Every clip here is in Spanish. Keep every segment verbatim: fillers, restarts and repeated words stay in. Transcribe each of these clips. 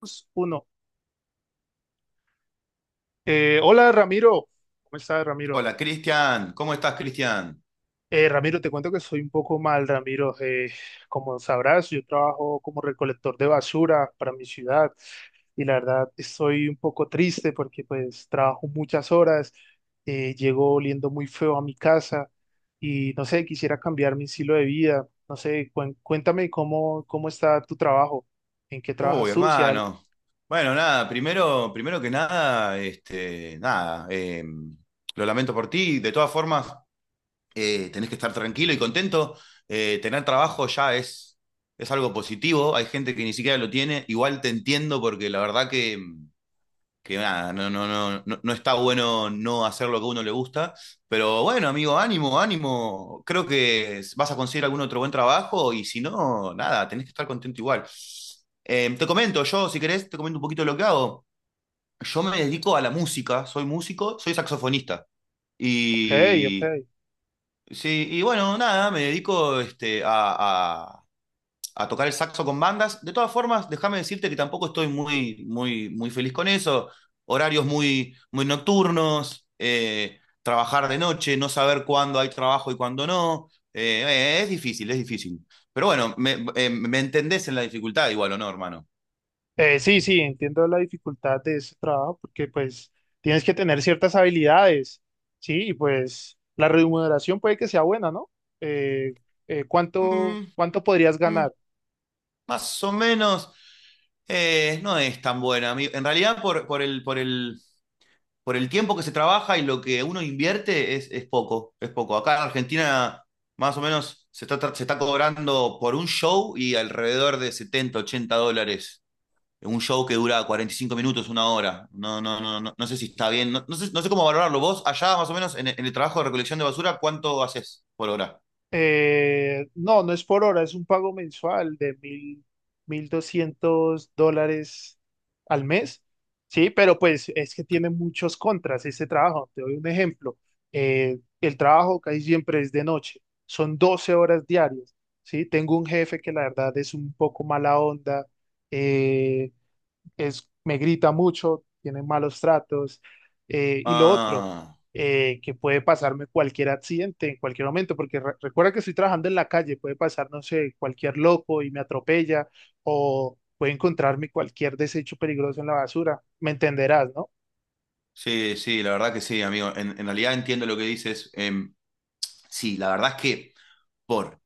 Dos, Uno. Eh, hola, Ramiro, ¿cómo estás, Ramiro? Hola, Cristian. ¿Cómo estás, Cristian? Eh, Ramiro, te cuento que soy un poco mal, Ramiro. Eh, como sabrás, yo trabajo como recolector de basura para mi ciudad y la verdad estoy un poco triste porque pues trabajo muchas horas, eh, llego oliendo muy feo a mi casa y no sé, quisiera cambiar mi estilo de vida. No sé, cuen- cuéntame cómo, cómo está tu trabajo, en qué trabajas Uy, tú, si hay algo. hermano. Bueno, nada, primero, primero que nada, este, nada, eh, lo lamento por ti. De todas formas, eh, tenés que estar tranquilo y contento. Eh, tener trabajo ya es, es algo positivo. Hay gente que ni siquiera lo tiene. Igual te entiendo porque la verdad que em, que nada, no, no, no, no, no está bueno no hacer lo que a uno le gusta. Pero bueno, amigo, ánimo, ánimo. Creo que vas a conseguir algún otro buen trabajo y si no, nada, tenés que estar contento igual. Eh, te comento, yo, si querés, te comento un poquito lo que hago. Yo me dedico a la música, soy músico, soy saxofonista. Ok, ok. Y, sí, y bueno, nada, me dedico este, a, a a tocar el saxo con bandas. De todas formas, déjame decirte que tampoco estoy muy, muy, muy feliz con eso. Horarios muy, muy nocturnos, eh, trabajar de noche, no saber cuándo hay trabajo y cuándo no. Eh, eh, es difícil, es difícil. Pero bueno, me, eh, me entendés en la dificultad igual, ¿o no, hermano? Eh, sí, sí, entiendo la dificultad de ese trabajo porque pues tienes que tener ciertas habilidades, ¿sí? Y pues la remuneración puede que sea buena, ¿no? Eh, eh, ¿cuánto, Mm, cuánto podrías mm, ganar? más o menos eh, no es tan buena. A mí- En realidad, por, por el, por el, por el tiempo que se trabaja y lo que uno invierte es, es poco, es poco. Acá en Argentina más o menos se está, se está cobrando por un show y alrededor de setenta ochenta dólares. Un show que dura cuarenta y cinco minutos, una hora. No, no, no, no, no sé si está bien. No, no sé, no sé cómo valorarlo. Vos, allá más o menos en, el- en el trabajo de recolección de basura, ¿cuánto haces por hora? Eh, no, no es por hora, es un pago mensual de mil, mil doscientos dólares al mes, sí, pero pues es que tiene muchos contras ese trabajo. Te doy un ejemplo. Eh, el trabajo casi siempre es de noche, son doce horas diarias, sí. Tengo un jefe que la verdad es un poco mala onda, eh, es, me grita mucho, tiene malos tratos. Eh, y lo otro, Ah, eh, que puede pasarme cualquier accidente en cualquier momento, porque re- recuerda que estoy trabajando en la calle, puede pasar, no sé, cualquier loco y me atropella o puede encontrarme cualquier desecho peligroso en la basura. Me entenderás, ¿no? sí, sí, la verdad que sí, amigo. En, en realidad entiendo lo que dices. Em, sí, la verdad es que por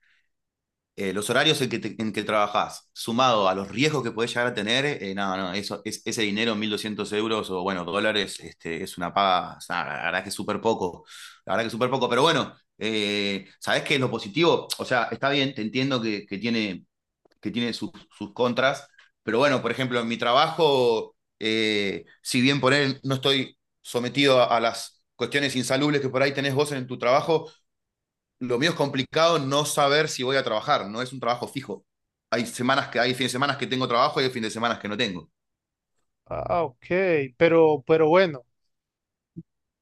eh, los horarios en que, te- en que trabajás, sumado a los riesgos que podés llegar a tener, eh, no, no, eso, es, ese dinero, mil doscientos euros o, bueno, dólares, este, es una paga, o sea, la verdad que es súper poco, la verdad que es súper poco, pero bueno, eh, ¿sabés qué es lo positivo? O sea, está bien, te entiendo que, que tiene, que tiene sus, sus contras, pero bueno, por ejemplo, en mi trabajo, eh, si bien por él no estoy sometido a, a las cuestiones insalubres que por ahí tenés vos en tu trabajo, lo mío es complicado no saber si voy a trabajar, no es un trabajo fijo. Hay semanas que hay fines de semana que tengo trabajo y hay fines de semana que no tengo. Ah, ok, pero, pero bueno,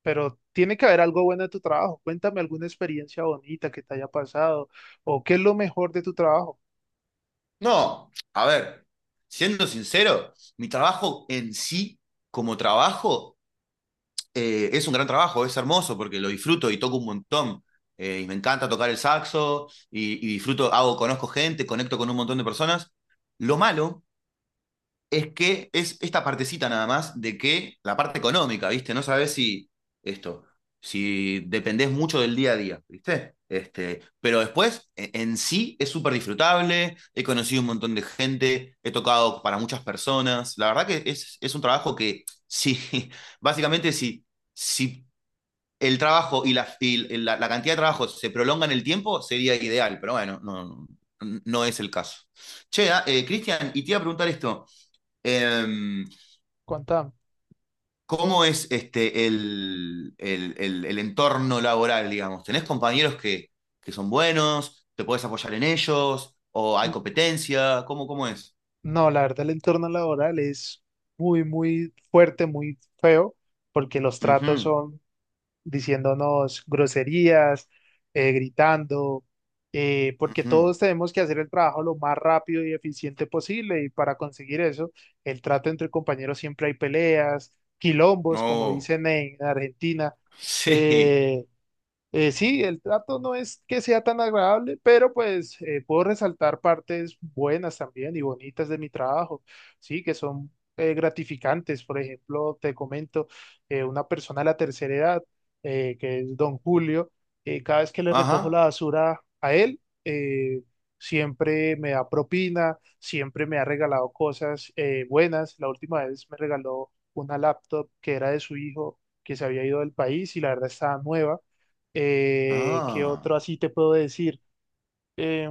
pero tiene que haber algo bueno de tu trabajo. Cuéntame alguna experiencia bonita que te haya pasado o qué es lo mejor de tu trabajo. No, a ver, siendo sincero, mi trabajo en sí, como trabajo, eh, es un gran trabajo, es hermoso porque lo disfruto y toco un montón. Eh, y me encanta tocar el saxo y, y disfruto, hago, conozco gente, conecto con un montón de personas. Lo malo es que es esta partecita nada más de que la parte económica, ¿viste? No sabes si esto, si dependés mucho del día a día, ¿viste? Este, pero después, e- en sí, es súper disfrutable, he conocido un montón de gente, he tocado para muchas personas, la verdad que es, es un trabajo que, sí, básicamente, si, si el trabajo y, la, y la, la cantidad de trabajo se prolonga en el tiempo, sería ideal, pero bueno, no, no no es el caso. Che, ah, eh, Cristian, y te iba a preguntar esto. Eh, Cuéntame. ¿Cómo es este, el, el- el- el entorno laboral, digamos? ¿Tenés compañeros que, que son buenos? ¿Te podés apoyar en ellos? ¿O hay competencia? ¿Cómo, cómo es? No, la verdad, el entorno laboral es muy, muy fuerte, muy feo, porque los tratos Ujú, son diciéndonos groserías, eh, gritando, eh, porque ujú. todos tenemos que hacer el trabajo lo más rápido y eficiente posible, y para conseguir eso, el trato entre compañeros siempre hay peleas, quilombos, como No. dicen en Argentina, Sí. eh, eh, sí, el trato no es que sea tan agradable, pero pues eh, puedo resaltar partes buenas también y bonitas de mi trabajo, sí, que son eh, gratificantes. Por ejemplo, te comento, eh, una persona de la tercera edad, eh, que es don Julio, eh, cada vez que le recojo la Ajá. basura a él, eh, siempre me da propina, siempre me ha regalado cosas eh, buenas. La última vez me regaló una laptop que era de su hijo, que se había ido del país y la verdad estaba nueva eh, ¿Qué otro Ah. así te puedo decir? Em,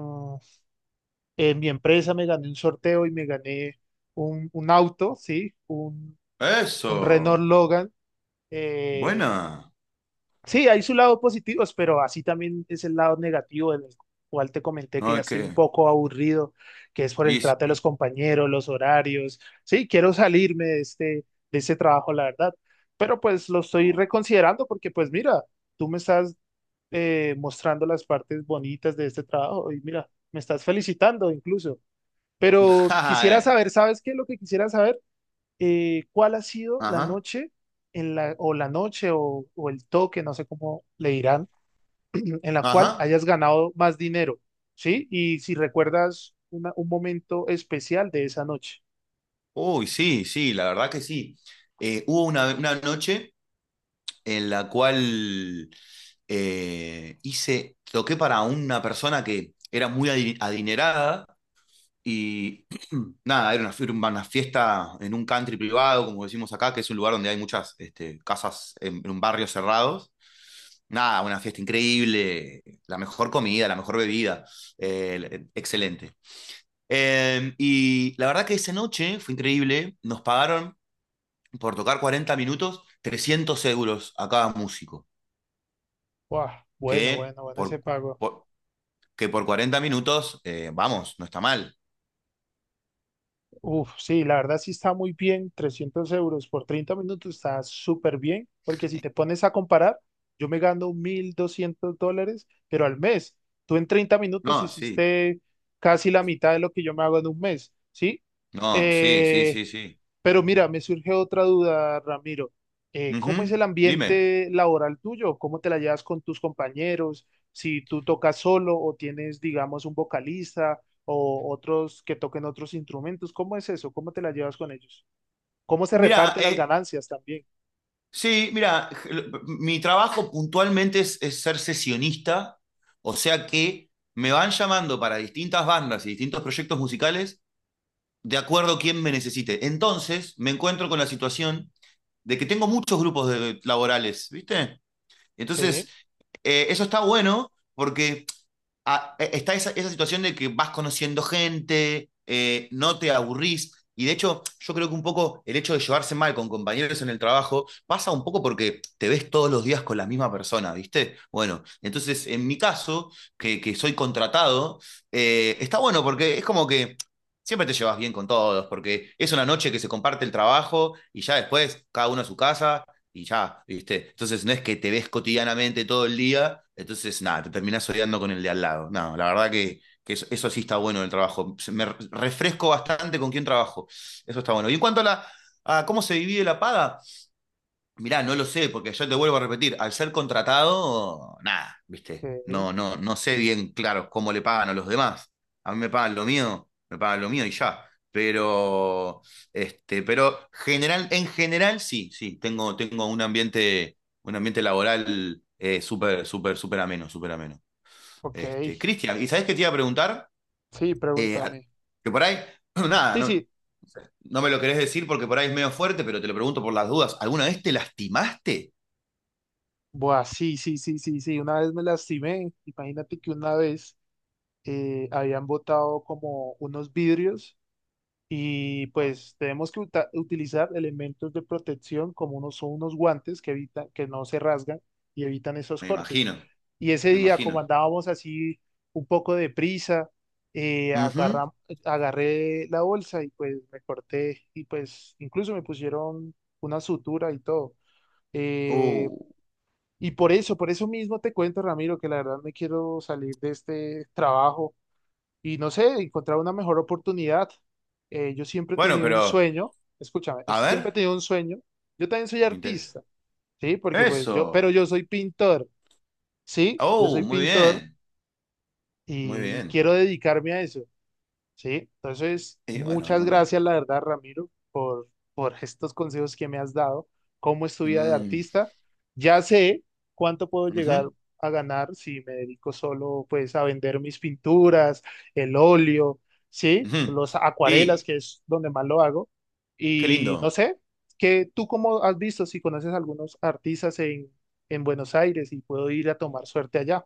en mi empresa me gané un sorteo y me gané un, un auto, ¿sí? Un, un Renault Eso. Logan. Eh, Buena. sí, hay su lado positivo, pero así también es el lado negativo del cual te comenté que ya No, estoy un qué. poco aburrido, que es por Y el trato de los compañeros, los horarios. Sí, quiero salirme de este, de este trabajo, la verdad. Pero pues lo estoy reconsiderando porque pues mira, tú me estás eh, mostrando las partes bonitas de este trabajo y mira, me estás felicitando incluso. Pero quisiera Ajá. saber, ¿sabes qué? Lo que quisiera saber, eh, ¿cuál ha sido la noche en la, o la noche o, o el toque, no sé cómo le dirán, en en la cual Ajá. hayas ganado más dinero, ¿sí? Y si recuerdas una- un momento especial de esa noche. Uy, sí, sí, la verdad que sí. Eh, hubo una, una noche en la cual eh, hice, toqué para una persona que era muy adi- adinerada y nada, era una, fie- una fiesta en un country privado, como decimos acá, que es un lugar donde hay muchas este, casas en, en barrios cerrados. Nada, una fiesta increíble, la mejor comida, la mejor bebida, eh, excelente. Eh, y la verdad que esa noche fue increíble, nos pagaron por tocar cuarenta minutos trescientos euros a cada músico. Guau, bueno, que bueno, bueno, ese por, pago. por- que por cuarenta minutos, eh, vamos, no está mal. Uf, sí, la verdad sí está muy bien, trescientos euros por treinta minutos está súper bien, porque si te pones a comparar, yo me gano mil doscientos dólares, pero al mes, tú en treinta No, minutos sí. hiciste casi la mitad de lo que yo me hago en un mes, ¿sí? No, sí, sí, Eh, sí, sí. pero mira, me surge otra duda, Ramiro. Eh, ¿cómo es Ujú. el Dime. ambiente laboral tuyo? ¿Cómo te la llevas con tus compañeros? Si tú tocas solo o tienes, digamos, un vocalista o otros que toquen otros instrumentos, ¿cómo es eso? ¿Cómo te la llevas con ellos? ¿Cómo se Mira, reparten las eh, ganancias también? sí, mira, mi trabajo puntualmente es, es ser sesionista, o sea que me van llamando para distintas bandas y distintos proyectos musicales de acuerdo a quién me necesite. Entonces me encuentro con la situación de que tengo muchos grupos de- laborales, ¿viste? Entonces, Sí, eh, eso está bueno porque a- e, está esa, esa situación de que vas conociendo gente, eh, no te aburrís. Y de hecho, yo creo que un poco el hecho de llevarse mal con compañeros en el trabajo pasa un poco porque te ves todos los días con la misma persona, ¿viste? Bueno, entonces en mi caso, que, que soy contratado, eh, está bueno porque es como que siempre te llevas bien con todos, porque es una noche que se comparte el trabajo y ya después cada uno a su casa y ya, ¿viste? Entonces no es que te ves cotidianamente todo el día, entonces nada, te terminás odiando con el de al lado. No, la verdad que, que eso, eso sí está bueno en el trabajo. Me refresco bastante con quién trabajo. Eso está bueno. Y en cuanto a la a cómo se divide la paga, mirá, no lo sé, porque yo te vuelvo a repetir, al ser contratado, nada, ¿viste? ok, No, no, no sé bien, claro, cómo le pagan a los demás. A mí me pagan lo mío, me pagan lo mío y ya. Pero, este, pero general, en general, sí, sí, tengo, tengo un ambiente, un ambiente laboral eh, súper, súper, súper ameno, súper ameno. ok. Este, Cristian, ¿y sabés qué te iba a preguntar? Sí, Eh, pregúntame. que por ahí, nada, Sí, no, sí. no me lo querés decir porque por ahí es medio fuerte, pero te lo pregunto por las dudas. ¿Alguna vez te lastimaste? Buah, sí, sí, sí, sí, sí. Una vez me lastimé. Imagínate que una vez eh, habían botado como unos vidrios y pues tenemos que uta- utilizar elementos de protección como unos, son unos guantes que evitan, que no se rasgan y evitan esos Me cortes. imagino, Y ese me día, imagino. como andábamos así un poco de prisa, eh, Ujú. agarra- agarré la bolsa y pues me corté y pues incluso me pusieron una sutura y todo. Uh. Eh, y por eso, por eso mismo te cuento, Ramiro, que la verdad me quiero salir de este trabajo y no sé, encontrar una mejor oportunidad. Eh, yo siempre he Bueno, tenido un pero, sueño, escúchame, a es- siempre he ver, tenido un sueño. Yo también soy me interesa. artista, ¿sí? Porque pues yo, pero Eso. yo soy pintor, ¿sí? Yo Oh, soy muy pintor bien, muy y bien. quiero dedicarme a eso. Sí, entonces Y bueno, muchas hermano. gracias, la verdad, Ramiro, por, por estos consejos que me has dado. ¿Cómo es tu vida de Mm. artista? Ya sé cuánto puedo llegar Ujú, a ganar si me dedico solo pues a vender mis pinturas, el óleo, sí, ujú. los acuarelas, Y, que es donde más lo hago. qué Y no lindo. sé, que tú cómo has visto si conoces algunos artistas en, en Buenos Aires y puedo ir a tomar suerte allá.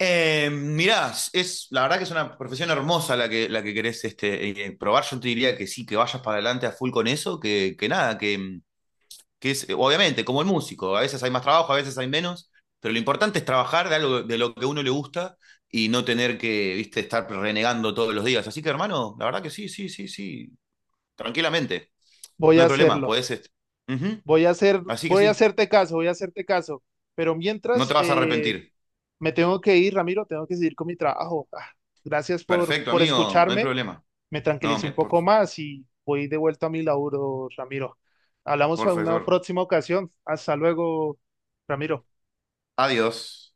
Eh, mirá, es, la verdad que es una profesión hermosa la que, la que querés este, eh, probar. Yo te diría que sí, que vayas para adelante a full con eso, que, que nada, que, que es, obviamente, como el músico, a veces hay más trabajo, a veces hay menos, pero lo importante es trabajar de algo de lo que a uno le gusta y no tener que, viste, estar renegando todos los días. Así que, hermano, la verdad que sí, sí, sí, sí, tranquilamente, Voy no a hay problema, hacerlo. podés... est- Ujú. Voy a hacer, Así que voy a sí, hacerte caso, voy a hacerte caso. Pero no mientras te vas a eh, arrepentir. me tengo que ir, Ramiro, tengo que seguir con mi trabajo. Ah, gracias por, Perfecto, por amigo, no hay escucharme. problema. Me No, tranquilicé me- un por- poco más y voy de vuelta a mi laburo, Ramiro. Hablamos por en una favor. próxima ocasión. Hasta luego, Ramiro. Adiós.